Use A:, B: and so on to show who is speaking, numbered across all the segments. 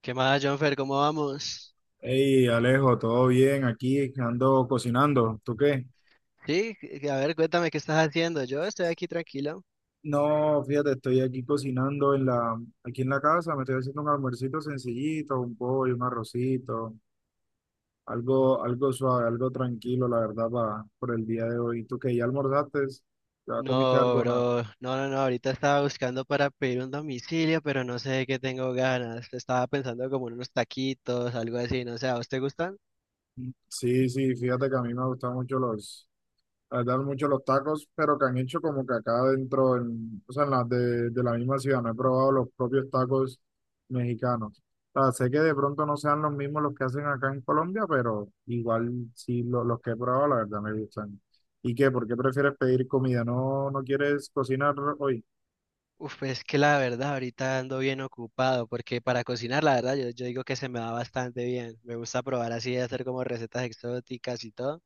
A: ¿Qué más, Jonfer? ¿Cómo vamos?
B: Hey, Alejo, todo bien aquí, ando cocinando. ¿Tú qué?
A: Sí, a ver, cuéntame qué estás haciendo. Yo estoy aquí tranquilo.
B: No, fíjate, estoy aquí cocinando en la, aquí en la casa, me estoy haciendo un almuercito sencillito, un pollo, un arrocito, algo, algo suave, algo tranquilo, la verdad, por el día de hoy. ¿Tú qué? ¿Ya almorzaste? ¿Ya comiste
A: No,
B: algo? O nada.
A: bro. No, no, no. Ahorita estaba buscando para pedir un domicilio, pero no sé de qué tengo ganas. Estaba pensando como en unos taquitos, algo así. No sé, ¿a vos te gustan?
B: Sí, sí, fíjate que a mí me gustan mucho la verdad, mucho los tacos, pero que han hecho como que acá dentro, o sea, en las de la misma ciudad, no he probado los propios tacos mexicanos. O sea, sé que de pronto no sean los mismos los que hacen acá en Colombia, pero igual sí los que he probado, la verdad me gustan. ¿Y qué? ¿Por qué prefieres pedir comida? ¿No, no quieres cocinar hoy?
A: Uf, pues es que la verdad ahorita ando bien ocupado porque para cocinar la verdad yo digo que se me da bastante bien. Me gusta probar así, hacer como recetas exóticas y todo,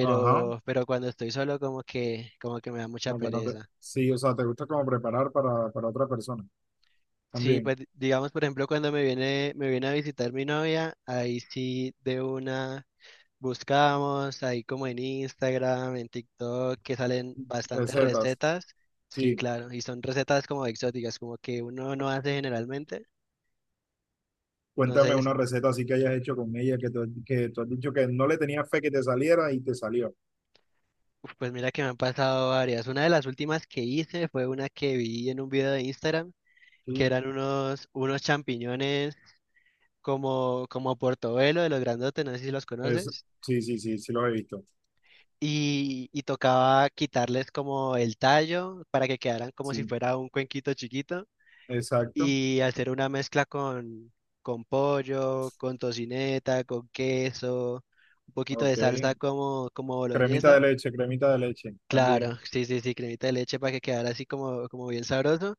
B: Ajá,
A: pero cuando estoy solo como que me da mucha
B: aunque no te...
A: pereza.
B: Sí, o sea, te gusta como preparar para otra persona.
A: Sí,
B: También,
A: pues digamos por ejemplo cuando me viene a visitar mi novia, ahí sí de una buscamos, ahí como en Instagram, en TikTok, que salen bastantes
B: recetas.
A: recetas. Sí,
B: Sí.
A: claro, y son recetas como exóticas, como que uno no hace generalmente. No sé,
B: Cuéntame una receta así que hayas hecho con ella, que tú has dicho que no le tenías fe que te saliera y te salió.
A: pues mira que me han pasado varias. Una de las últimas que hice fue una que vi en un video de Instagram, que
B: Sí,
A: eran unos champiñones como portobelo de los grandotes, no sé si los
B: es,
A: conoces.
B: sí, sí, sí, sí los he visto.
A: Y tocaba quitarles como el tallo para que quedaran como si
B: Sí,
A: fuera un cuenquito chiquito
B: exacto.
A: y hacer una mezcla con pollo, con tocineta, con queso, un poquito
B: Ok.
A: de salsa como boloñesa.
B: Cremita de leche
A: Claro,
B: también.
A: sí, sí, sí, cremita de leche para que quedara así como bien sabroso.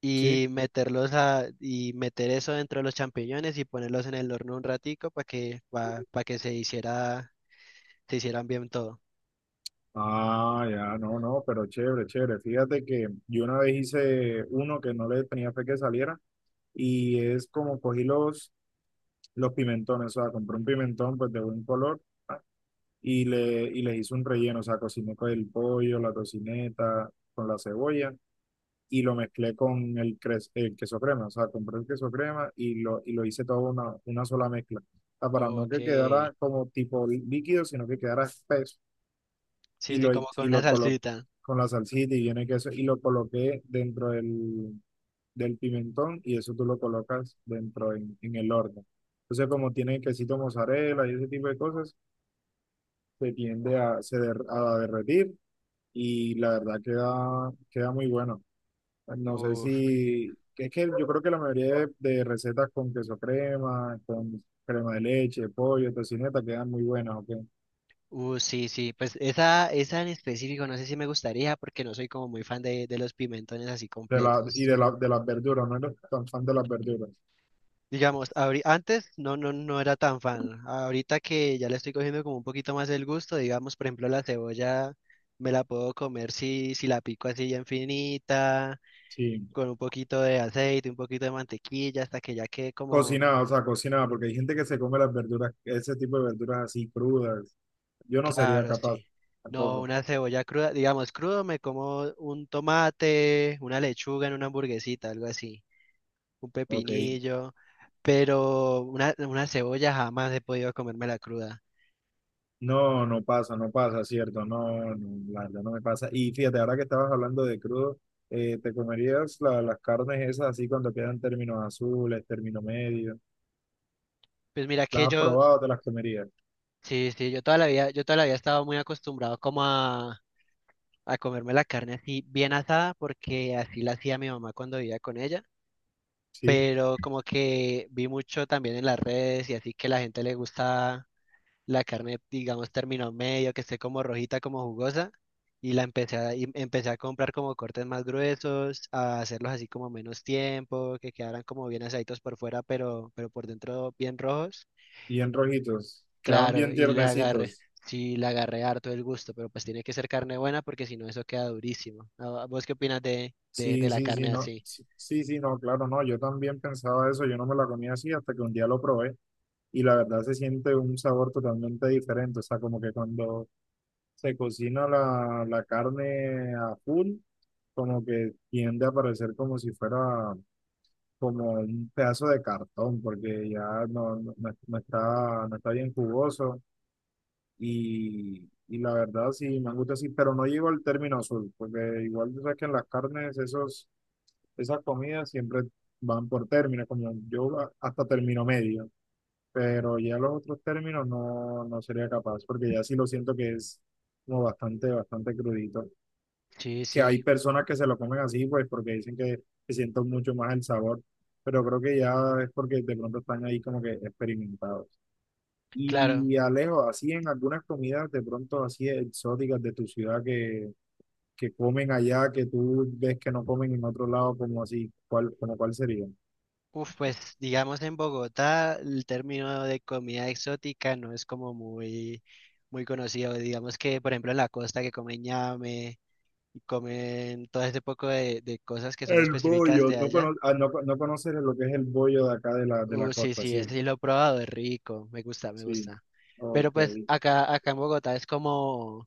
A: Y
B: Sí.
A: y meter eso dentro de los champiñones y ponerlos en el horno un ratico para que se hiciera, se hicieran bien todo.
B: Ah, ya, no, no, pero chévere, chévere. Fíjate que yo una vez hice uno que no le tenía fe que saliera y es como cogí los pimentones, o sea, compré un pimentón pues de buen color y les hice un relleno, o sea, cociné con el pollo, la tocineta, con la cebolla y lo mezclé con el queso crema, o sea, compré el queso crema y lo hice todo una sola mezcla, o sea, para no
A: Ok.
B: que
A: Sí,
B: quedara como tipo líquido, sino que quedara espeso
A: sí, como con
B: y
A: una
B: lo coloqué
A: salsita.
B: con la salsita y viene queso y lo coloqué dentro del pimentón y eso tú lo colocas dentro en el horno. Entonces, como tiene quesito mozzarella y ese tipo de cosas, se tiende a derretir y la verdad queda, queda muy bueno. No sé
A: Uf,
B: si, que es que yo creo que la mayoría de recetas con queso crema, con crema de leche, pollo, tocineta, quedan muy buenas, ¿ok?
A: sí, sí. Pues esa en específico no sé si me gustaría porque no soy como muy fan de los pimentones así
B: De la, y
A: completos.
B: de, la, de las verduras, no eres tan fan de las verduras.
A: Digamos, antes no, no era tan fan. Ahorita que ya le estoy cogiendo como un poquito más el gusto, digamos, por ejemplo, la cebolla me la puedo comer si la pico así bien finita,
B: Sí,
A: con un poquito de aceite, un poquito de mantequilla, hasta que ya quede como,
B: cocinada, o sea, cocinada, porque hay gente que se come las verduras, ese tipo de verduras así crudas. Yo no sería
A: claro,
B: capaz
A: sí. No,
B: tampoco,
A: una cebolla cruda, digamos, crudo me como un tomate, una lechuga en una hamburguesita, algo así, un
B: ¿ok?
A: pepinillo, pero una cebolla jamás he podido comérmela cruda.
B: No, no pasa, no pasa, cierto, no, no, la verdad no me pasa. Y fíjate, ahora que estabas hablando de crudo, ¿te comerías las carnes esas así cuando quedan términos azules, término medio?
A: Pues mira
B: ¿Las
A: que
B: has
A: yo
B: probado, te las comerías?
A: sí, sí, yo toda la vida estaba muy acostumbrado a comerme la carne así bien asada, porque así la hacía mi mamá cuando vivía con ella.
B: Sí,
A: Pero como que vi mucho también en las redes y así que la gente le gusta la carne, digamos, término medio, que esté como rojita, como jugosa. Y y empecé a comprar como cortes más gruesos, a hacerlos así como menos tiempo, que quedaran como bien asaditos por fuera, pero por dentro bien rojos.
B: bien rojitos, quedan
A: Claro,
B: bien
A: y
B: tiernecitos.
A: sí, le agarré harto el gusto, pero pues tiene que ser carne buena porque si no eso queda durísimo. Ah, ¿vos qué opinas de
B: Sí,
A: la
B: sí, sí,
A: carne
B: no,
A: así?
B: sí, sí, sí, no, claro, no, yo también pensaba eso, yo no me la comía así hasta que un día lo probé y la verdad se siente un sabor totalmente diferente, o sea, como que cuando se cocina la carne a full como que tiende a parecer como si fuera como un pedazo de cartón, porque ya no, no está, no está bien jugoso y la verdad sí me gusta así, pero no llego al término azul, porque igual tú sabes que en las carnes esos, esas comidas siempre van por términos, como yo hasta término medio, pero ya los otros términos no, no sería capaz, porque ya sí lo siento que es como bastante, bastante crudito.
A: Sí,
B: Que hay
A: sí,
B: personas que se lo comen así, pues porque dicen que se sienten mucho más el sabor, pero creo que ya es porque de pronto están ahí como que experimentados.
A: claro.
B: Y Alejo, así en algunas comidas de pronto así exóticas de tu ciudad que comen allá, que tú ves que no comen en otro lado, como así, ¿cuál, como cuál sería?
A: Uf, pues digamos en Bogotá el término de comida exótica no es como muy, muy conocido. Digamos que, por ejemplo, en la costa que comen ñame y comen todo ese poco de cosas que son
B: El
A: específicas
B: bollo,
A: de
B: no,
A: allá.
B: no conoces lo que es el bollo de acá de de la
A: Sí,
B: costa,
A: sí, ese
B: ¿cierto?
A: sí lo he probado, es rico, me gusta, me
B: Sí,
A: gusta. Pero
B: ok,
A: pues acá, acá en Bogotá es como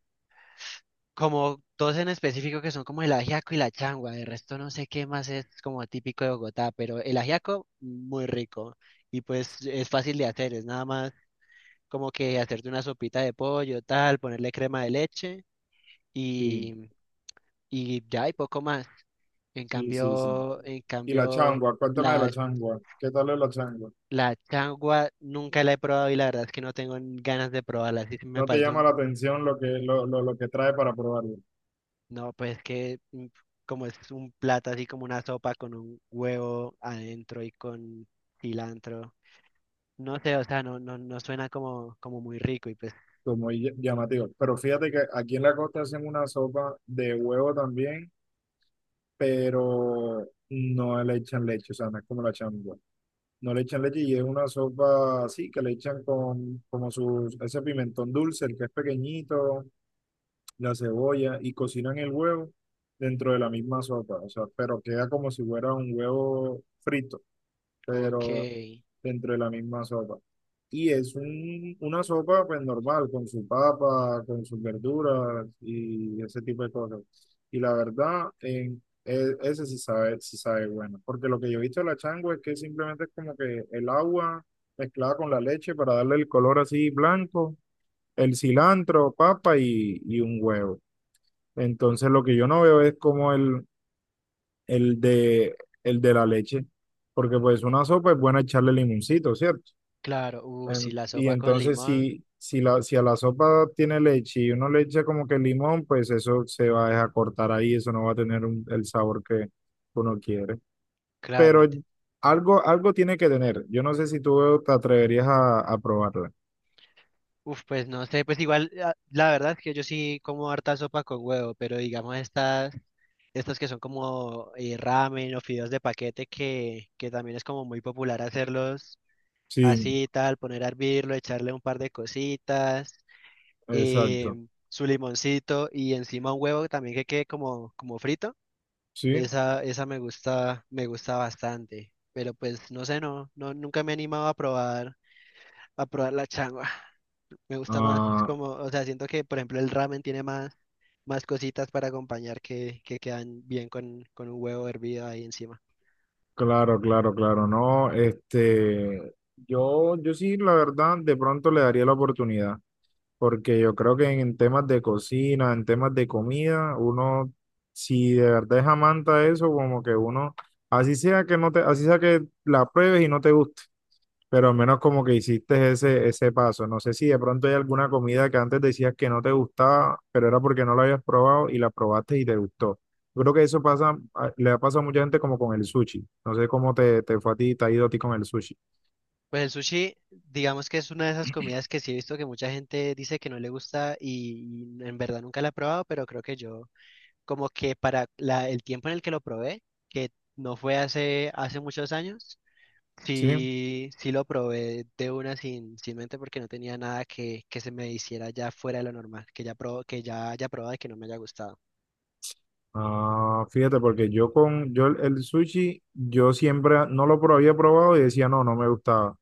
A: como dos en específico que son como el ajiaco y la changua, de resto no sé qué más es como típico de Bogotá, pero el ajiaco muy rico y pues es fácil de hacer, es nada más como que hacerte una sopita de pollo, tal, ponerle crema de leche
B: sí,
A: y, y ya y poco más. En
B: sí, sí, sí.
A: cambio, en
B: Y la
A: cambio,
B: changua, cuéntame de
A: la,
B: la changua, ¿qué tal es la changua?
A: la changua nunca la he probado y la verdad es que no tengo ganas de probarla, así que me
B: No te
A: parece
B: llama
A: un
B: la atención lo que, lo que trae para probarlo,
A: no, pues que como es un plato así como una sopa con un huevo adentro y con cilantro. No sé, o sea, no suena como muy rico y pues,
B: como muy llamativo. Pero fíjate que aquí en la costa hacen una sopa de huevo también, pero no le echan leche, o sea, no es como la changua. No le echan leche y es una sopa así, que le echan con como sus, ese pimentón dulce, el que es pequeñito, la cebolla, y cocinan el huevo dentro de la misma sopa, o sea, pero queda como si fuera un huevo frito,
A: ok,
B: pero dentro de la misma sopa. Y es un, una sopa pues normal, con su papa, con sus verduras y ese tipo de cosas. Y la verdad, ese sí sabe bueno. Porque lo que yo he visto de la changua es que simplemente es como que el agua mezclada con la leche para darle el color así blanco, el cilantro, papa y un huevo. Entonces lo que yo no veo es como el de, el de la leche. Porque pues una sopa es buena echarle limoncito, ¿cierto?
A: claro, si la
B: Y
A: sopa con
B: entonces
A: limón,
B: si a la sopa tiene leche y uno le echa como que limón, pues eso se va a dejar cortar ahí, eso no va a tener el sabor que uno quiere. Pero
A: claro,
B: algo, algo tiene que tener. Yo no sé si tú te atreverías a probarla.
A: uf, pues no sé, pues igual, ah, la verdad es que yo sí como harta sopa con huevo, pero digamos estas, estas que son como ramen o fideos de paquete que también es como muy popular hacerlos
B: Sí,
A: así tal, poner a hervirlo, echarle un par de cositas,
B: exacto.
A: su limoncito y encima un huevo también que quede como frito.
B: Sí.
A: Esa me gusta bastante. Pero pues no sé, no, no, nunca me he animado a a probar la changua. Me gusta más
B: Ah,
A: como, o sea, siento que por ejemplo el ramen tiene más, más cositas para acompañar que quedan bien con un huevo hervido ahí encima.
B: claro, claro, claro. No, este, yo sí, la verdad, de pronto le daría la oportunidad. Porque yo creo que en temas de cocina, en temas de comida, uno, si de verdad es amante a eso, como que uno, así sea que no te, así sea que la pruebes y no te guste, pero al menos como que hiciste ese, ese paso. No sé si de pronto hay alguna comida que antes decías que no te gustaba, pero era porque no la habías probado y la probaste y te gustó. Yo creo que eso pasa, le ha pasado a mucha gente como con el sushi. No sé cómo te fue a ti, te ha ido a ti con el sushi.
A: Pues el sushi, digamos que es una de esas comidas que sí he visto que mucha gente dice que no le gusta y en verdad nunca la he probado, pero creo que yo, como que para el tiempo en el que lo probé, que no fue hace muchos años,
B: Sí.
A: sí, sí lo probé de una sin mente porque no tenía nada que, que se me hiciera ya fuera de lo normal, que ya haya probado y que no me haya gustado.
B: Ah, fíjate, porque yo con yo el sushi, yo siempre no había probado y decía, no, no me gustaba.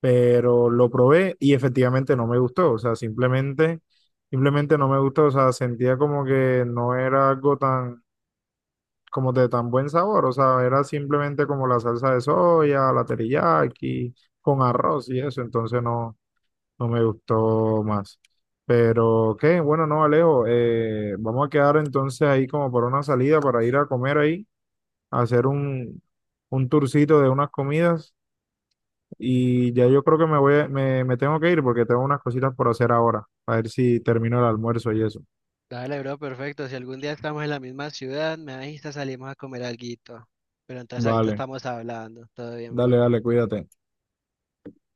B: Pero lo probé y efectivamente no me gustó. O sea, simplemente, simplemente no me gustó. O sea, sentía como que no era algo tan, como de tan buen sabor. O sea, era simplemente como la salsa de soya, la teriyaki, con arroz y eso. Entonces no, no me gustó más. Pero qué, bueno, no, Alejo, vamos a quedar entonces ahí como por una salida para ir a comer ahí hacer un tourcito de unas comidas y ya yo creo que me voy, me tengo que ir porque tengo unas cositas por hacer ahora, a ver si termino el almuerzo y eso.
A: Dale, bro, perfecto. Si algún día estamos en la misma ciudad, me avisas, salimos a comer alguito. Pero entonces ahorita
B: Vale,
A: estamos hablando. Todo bien,
B: dale,
A: bro.
B: dale, cuídate.